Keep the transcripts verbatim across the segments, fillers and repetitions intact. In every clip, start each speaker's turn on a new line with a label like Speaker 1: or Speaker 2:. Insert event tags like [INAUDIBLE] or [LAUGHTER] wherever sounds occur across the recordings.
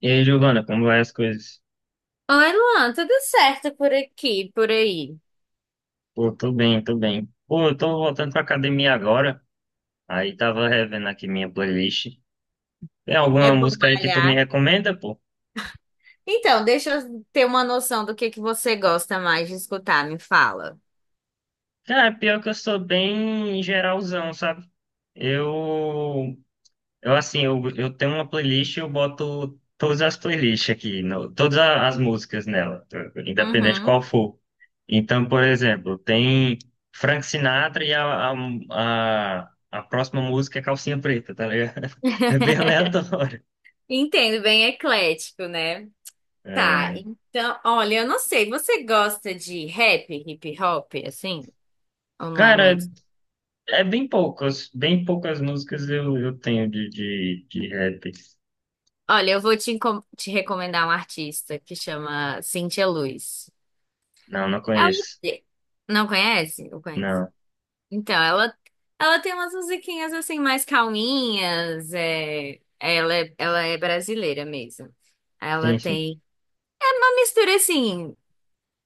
Speaker 1: E aí, Giovana, como vai as coisas?
Speaker 2: Oi, Luan, tudo certo por aqui, por aí?
Speaker 1: Pô, tô bem, tô bem. Pô, eu tô voltando pra academia agora. Aí tava revendo aqui minha playlist. Tem
Speaker 2: É
Speaker 1: alguma
Speaker 2: bom
Speaker 1: música aí que tu me
Speaker 2: malhar.
Speaker 1: recomenda, pô?
Speaker 2: Então, deixa eu ter uma noção do que que você gosta mais de escutar, me fala.
Speaker 1: Cara, pior que eu sou bem geralzão, sabe? Eu Eu assim, eu, eu tenho uma playlist e eu boto todas as playlists aqui, no- todas a- as músicas nela, t- independente
Speaker 2: Uhum.
Speaker 1: qual for. Então, por exemplo, tem Frank Sinatra e a, a, a, a próxima música é Calcinha Preta, tá ligado? [LAUGHS] É bem
Speaker 2: [LAUGHS]
Speaker 1: aleatório.
Speaker 2: Entendo, bem eclético, né? Tá,
Speaker 1: É,
Speaker 2: então, olha, eu não sei, você gosta de rap, hip hop, assim? Ou não é muito?
Speaker 1: cara, é bem poucas, bem poucas músicas eu, eu tenho de, de, de rap.
Speaker 2: Olha, eu vou te, encom- te recomendar um artista que chama Cintia Luz.
Speaker 1: Não, não
Speaker 2: Ela
Speaker 1: conheço.
Speaker 2: não conhece? Ou conhece?
Speaker 1: Não,
Speaker 2: Então, ela, ela tem umas musiquinhas assim mais calminhas, é, ela, é- ela é brasileira mesmo. Ela
Speaker 1: sim, sim.
Speaker 2: tem uma mistura assim,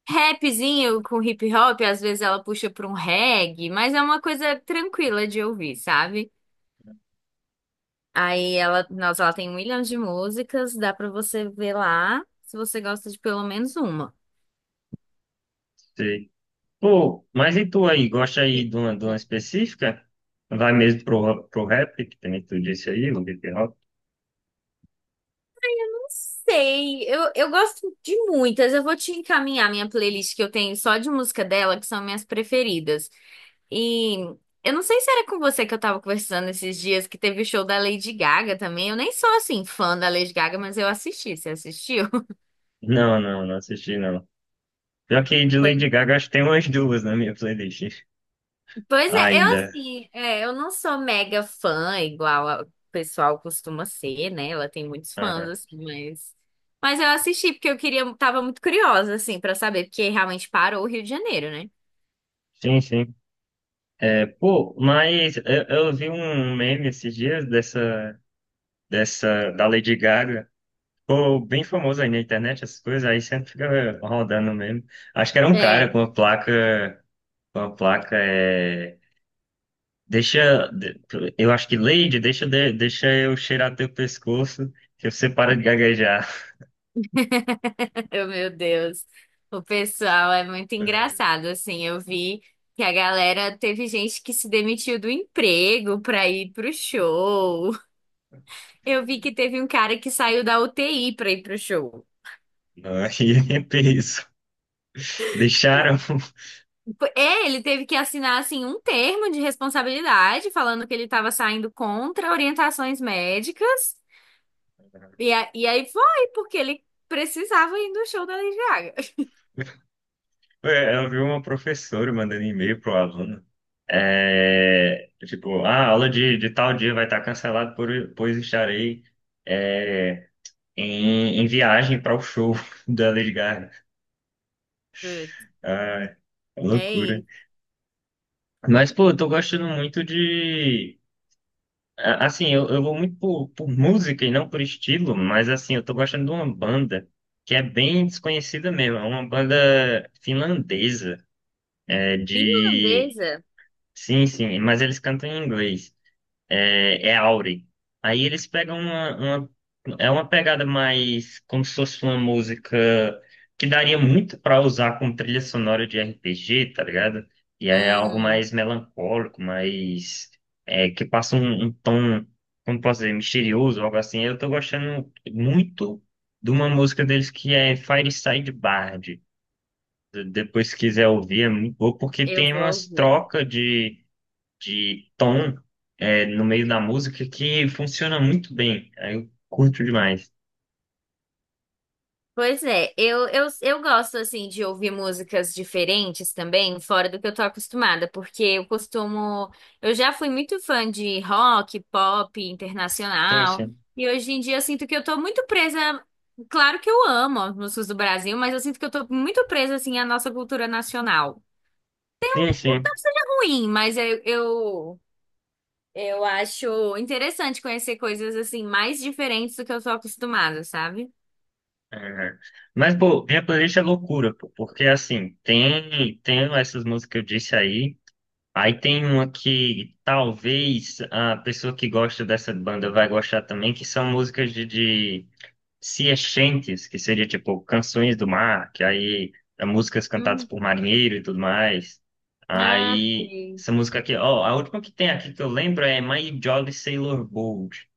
Speaker 2: rapzinho com hip hop, às vezes ela puxa para um reggae, mas é uma coisa tranquila de ouvir, sabe? Aí ela, nossa, ela tem um milhão de músicas, dá para você ver lá se você gosta de pelo menos uma.
Speaker 1: Sei. Pô, mas e tu aí? Gosta
Speaker 2: Eu
Speaker 1: aí de uma, de uma específica? Vai mesmo pro, pro rap, que também tu disse aí, o hip hop?
Speaker 2: Não sei, eu, eu gosto de muitas. Eu vou te encaminhar minha playlist que eu tenho só de música dela, que são minhas preferidas. E eu não sei se era com você que eu tava conversando esses dias que teve o show da Lady Gaga também. Eu nem sou assim fã da Lady Gaga, mas eu assisti. Você assistiu? [LAUGHS]
Speaker 1: Não, não, não assisti não. Pior que de
Speaker 2: Pois
Speaker 1: Lady Gaga, acho que tem umas duas na minha playlist
Speaker 2: pois é, eu
Speaker 1: ainda.
Speaker 2: assim, é, eu não sou mega fã igual a- o pessoal costuma ser, né? Ela tem muitos fãs
Speaker 1: Aham.
Speaker 2: assim, mas mas eu assisti porque eu queria, tava muito curiosa assim pra saber, porque realmente parou o Rio de Janeiro, né?
Speaker 1: Sim, sim. É, pô, mas eu, eu vi um meme esses dias dessa, dessa, da Lady Gaga. Pô, bem famoso aí na internet, essas coisas, aí sempre fica rodando mesmo. Acho que era um cara
Speaker 2: É.
Speaker 1: com uma placa, com uma placa, é. Deixa, de- eu acho que Lady, deixa, de- deixa eu cheirar teu pescoço, que você para de gaguejar.
Speaker 2: Oh, meu Deus. O pessoal é muito engraçado, assim. Eu vi que a galera teve gente que se demitiu do emprego pra ir pro show. Eu vi que teve um cara que saiu da U T I pra ir pro show.
Speaker 1: Não, aí [LAUGHS] é peso. Deixaram.
Speaker 2: É, ele teve que assinar assim um termo de responsabilidade falando que ele estava saindo contra orientações médicas. E,
Speaker 1: [LAUGHS]
Speaker 2: a- e aí foi porque ele precisava ir no show da Lady Gaga.
Speaker 1: Ué, eu vi uma professora mandando e-mail pro aluno. É, tipo, ah, a aula de, de tal dia vai estar cancelada, por, pois estarei é, em, em viagem para o show [LAUGHS] da Lady Gaga.
Speaker 2: Putz,
Speaker 1: Ah,
Speaker 2: é
Speaker 1: loucura.
Speaker 2: isso.
Speaker 1: Mas, pô, eu tô gostando muito de a- assim, eu, eu vou muito por, por música e não por estilo, mas assim, eu tô gostando de uma banda que é bem desconhecida mesmo. É uma banda finlandesa, é de...
Speaker 2: Finlandesa.
Speaker 1: Sim, sim, mas eles cantam em inglês é, é Aure. Aí eles pegam uma, uma- é uma pegada mais como se fosse uma música que daria muito para usar como trilha sonora de R P G, tá ligado? E é algo
Speaker 2: Hum,
Speaker 1: mais melancólico, mais. É, que passa um, um tom, como posso dizer, misterioso, algo assim. Eu tô gostando muito de uma música deles que é Fireside Bard. Depois, se quiser ouvir, é muito boa, porque
Speaker 2: eu
Speaker 1: tem
Speaker 2: vou
Speaker 1: umas
Speaker 2: ouvir.
Speaker 1: trocas de de tom é, no meio da música que funciona muito bem. Aí eu curto demais.
Speaker 2: Pois é, eu, eu, eu gosto assim de ouvir músicas diferentes também, fora do que eu tô acostumada, porque eu costumo, eu já fui muito fã de rock, pop,
Speaker 1: Sim,
Speaker 2: internacional,
Speaker 1: sim.
Speaker 2: e hoje em dia eu sinto que eu tô muito presa, claro que eu amo as músicas do Brasil, mas eu sinto que eu tô muito presa assim à nossa cultura nacional.
Speaker 1: Sim, sim.
Speaker 2: Ruim, mas eu, eu, eu acho interessante conhecer coisas assim mais diferentes do que eu sou acostumada, sabe?
Speaker 1: É. Mas, pô, minha playlist é loucura, pô, porque assim, tem, tem essas músicas que eu disse aí. Aí tem uma que talvez a pessoa que gosta dessa banda vai gostar também, que são músicas de, de sea chantes, que seria tipo canções do mar, que aí é músicas cantadas
Speaker 2: Hum.
Speaker 1: por marinheiro e tudo mais.
Speaker 2: Ah,
Speaker 1: Aí
Speaker 2: sei,
Speaker 1: essa música aqui, ó, a última que tem aqui que eu lembro é My Jolly Sailor Bold.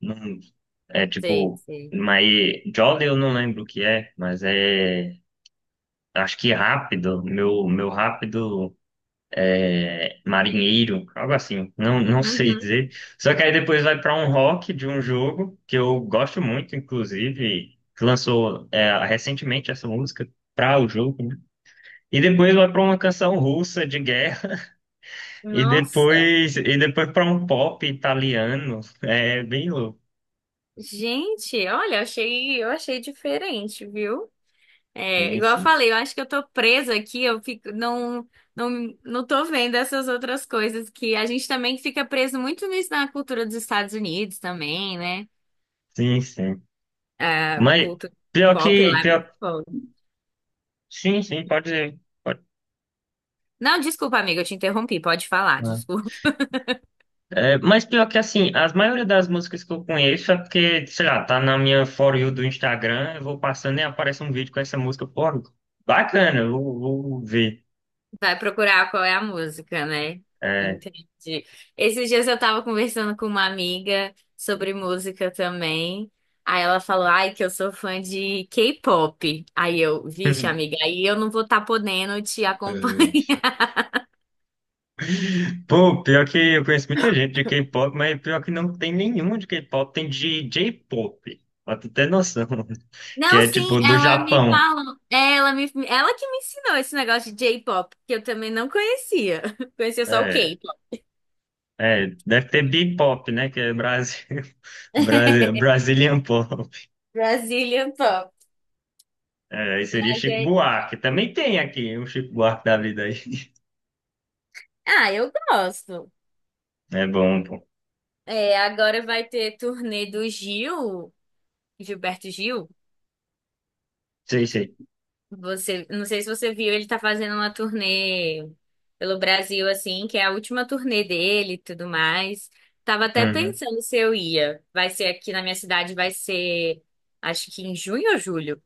Speaker 1: Não, é
Speaker 2: sei,
Speaker 1: tipo,
Speaker 2: sei.
Speaker 1: My Jolly eu não lembro o que é, mas é acho que rápido, meu meu rápido marinheiro, algo assim, não, não sei
Speaker 2: Uhum.
Speaker 1: dizer. Só que aí depois vai para um rock de um jogo que eu gosto muito, inclusive, que lançou é, recentemente essa música para o jogo, né? E depois vai para uma canção russa de guerra [LAUGHS] e
Speaker 2: Nossa,
Speaker 1: depois e depois para um pop italiano, é bem louco.
Speaker 2: gente, olha, achei, eu achei diferente, viu? É,
Speaker 1: Sim,
Speaker 2: igual eu
Speaker 1: sim,
Speaker 2: falei, eu acho que eu tô presa aqui, eu fico, não, não, não tô vendo essas outras coisas que a gente também fica preso muito nisso na cultura dos Estados Unidos também, né?
Speaker 1: sim, sim.
Speaker 2: A
Speaker 1: Mas
Speaker 2: cultura
Speaker 1: pior
Speaker 2: pop
Speaker 1: que
Speaker 2: lá é muito
Speaker 1: pior,
Speaker 2: forte.
Speaker 1: sim, sim, pode dizer. Pode.
Speaker 2: Não, desculpa, amiga, eu te interrompi, pode falar.
Speaker 1: É, mas pior que assim, as maioria das músicas que eu conheço é porque, sei lá, tá na minha For You do Instagram, eu vou passando e aparece um vídeo com essa música, pô, bacana, eu vou, vou ver.
Speaker 2: Vai procurar qual é a música, né?
Speaker 1: É.
Speaker 2: Entendi. Esses dias eu tava conversando com uma amiga sobre música também. Aí ela falou, ai, que eu sou fã de K-pop. Aí eu, vixe,
Speaker 1: [LAUGHS]
Speaker 2: amiga, aí eu não vou estar podendo te acompanhar. [LAUGHS]
Speaker 1: Pô, pior que eu conheço muita gente de K-pop, mas pior que não tem nenhum de K-pop, tem de J-pop, pra tu ter noção, [LAUGHS] que
Speaker 2: Não,
Speaker 1: é
Speaker 2: sim,
Speaker 1: tipo do
Speaker 2: ela me
Speaker 1: Japão.
Speaker 2: falou. é, Ela me, ela que me ensinou esse negócio de J-pop, que eu também não conhecia. [LAUGHS] Conhecia só o
Speaker 1: É,
Speaker 2: K-pop.
Speaker 1: é, deve ter B-pop, né, que é Brasil, [LAUGHS] Brasil, Brazilian Pop.
Speaker 2: Brazilian Pop.
Speaker 1: É, aí seria
Speaker 2: Mas
Speaker 1: Chico
Speaker 2: é.
Speaker 1: Buarque. Também tem aqui o Chico Buarque da vida aí.
Speaker 2: Ah, eu gosto.
Speaker 1: É bom, pô.
Speaker 2: É, agora vai ter turnê do Gil. Gilberto Gil,
Speaker 1: Sei, sei.
Speaker 2: você, não sei se você viu, ele tá fazendo uma turnê pelo Brasil, assim, que é a última turnê dele e tudo mais. Tava até
Speaker 1: Uhum.
Speaker 2: pensando se eu ia. Vai ser aqui na minha cidade, vai ser, acho que em junho ou julho.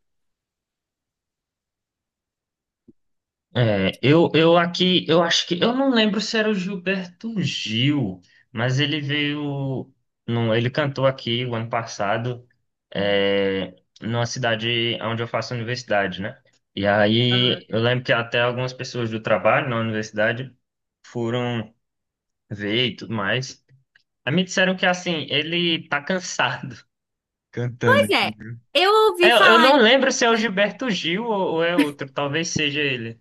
Speaker 1: É, eu, eu aqui, eu acho que, eu não lembro se era o Gilberto Gil, mas ele veio, não, ele cantou aqui o ano passado, é, numa cidade onde eu faço universidade, né? E aí
Speaker 2: Aham.
Speaker 1: eu lembro que até algumas pessoas do trabalho na universidade foram ver e tudo mais. Aí me disseram que assim, ele tá cansado. [LAUGHS]
Speaker 2: Pois
Speaker 1: Cantando.
Speaker 2: é, eu ouvi
Speaker 1: É, Eu, eu
Speaker 2: falar
Speaker 1: não
Speaker 2: em
Speaker 1: lembro se é o Gilberto Gil ou, ou é outro, talvez seja ele.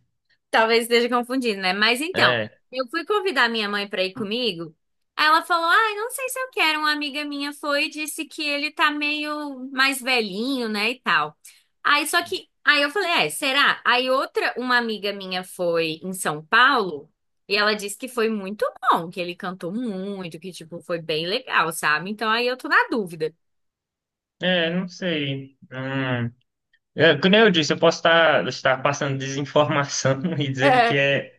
Speaker 2: talvez esteja confundindo, né? Mas então,
Speaker 1: É,
Speaker 2: eu fui convidar minha mãe para ir comigo. Aí ela falou: Ah, não sei se eu quero. Uma amiga minha foi e disse que ele tá meio mais velhinho, né? E tal. Aí só que. Aí eu falei: É, será? Aí outra, uma amiga minha foi em São Paulo e ela disse que foi muito bom, que ele cantou muito, que, tipo, foi bem legal, sabe? Então aí eu tô na dúvida.
Speaker 1: é, não sei. Hum. É, como eu disse, eu posso estar, estar passando desinformação [LAUGHS] e dizendo que
Speaker 2: É.
Speaker 1: é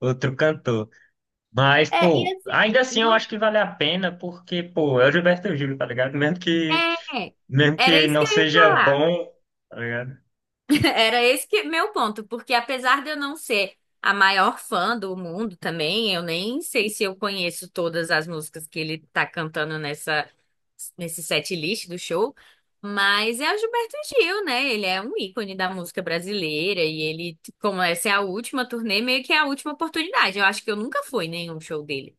Speaker 1: outro cantor. Mas,
Speaker 2: É, e
Speaker 1: pô, ainda
Speaker 2: assim,
Speaker 1: assim eu
Speaker 2: não-
Speaker 1: acho que vale a pena, porque, pô, é o Gilberto Gil, tá ligado? Mesmo que,
Speaker 2: é,
Speaker 1: mesmo
Speaker 2: era
Speaker 1: que
Speaker 2: isso que
Speaker 1: não
Speaker 2: eu ia
Speaker 1: seja
Speaker 2: falar.
Speaker 1: bom, tá ligado?
Speaker 2: [LAUGHS] Era esse que meu ponto, porque apesar de eu não ser a maior fã do mundo também, eu nem sei se eu conheço todas as músicas que ele tá cantando nessa nesse set list do show, mas é o Gilberto Gil, né? Ele é um ícone da música brasileira e ele, como essa é a última turnê, meio que é a última oportunidade. Eu acho que eu nunca fui em nenhum show dele.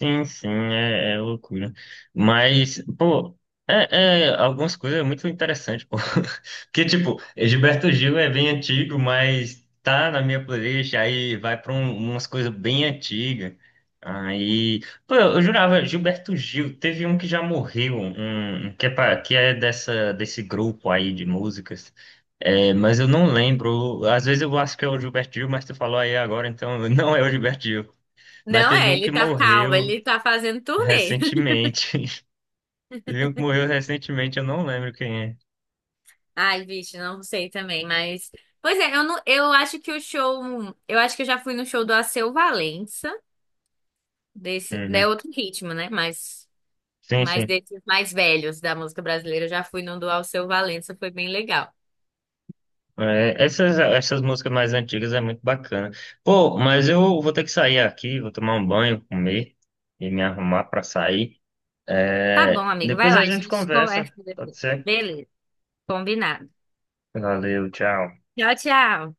Speaker 1: Sim, sim, é, é loucura. Mas, pô, é, é algumas coisas é muito interessante, pô. [LAUGHS] Porque, tipo, Gilberto Gil é bem antigo, mas tá na minha playlist, aí vai pra um- umas coisas bem antigas. Aí, pô, eu jurava, Gilberto Gil, teve um que já morreu, um, um que é, pa- que é dessa, desse grupo aí de músicas. É, mas eu não lembro. Às vezes eu acho que é o Gilberto Gil, mas tu falou aí agora, então [LAUGHS] não é o Gilberto Gil. Mas
Speaker 2: Não
Speaker 1: teve
Speaker 2: é,
Speaker 1: um
Speaker 2: ele
Speaker 1: que
Speaker 2: tá calmo,
Speaker 1: morreu.
Speaker 2: ele tá fazendo turnê.
Speaker 1: Recentemente. [LAUGHS] Teve um que morreu recentemente, eu não lembro quem é.
Speaker 2: Ai, bicho, não sei também, mas. Pois é, eu, não, eu acho que o show. Eu acho que eu já fui no show do Alceu Valença, desse. né, É
Speaker 1: Uhum.
Speaker 2: outro ritmo, né? Mas,
Speaker 1: Sim,
Speaker 2: mas
Speaker 1: sim.
Speaker 2: desses mais velhos da música brasileira, eu já fui no do Alceu Valença, foi bem legal.
Speaker 1: É, essas, essas músicas mais antigas é muito bacana. Pô, mas eu vou ter que sair aqui, vou tomar um banho, comer e me arrumar pra sair.
Speaker 2: Tá bom,
Speaker 1: É,
Speaker 2: amigo, vai
Speaker 1: depois
Speaker 2: lá, a
Speaker 1: a gente
Speaker 2: gente conversa
Speaker 1: conversa, pode
Speaker 2: depois.
Speaker 1: ser?
Speaker 2: Beleza, combinado.
Speaker 1: Valeu, tchau.
Speaker 2: Tchau, tchau.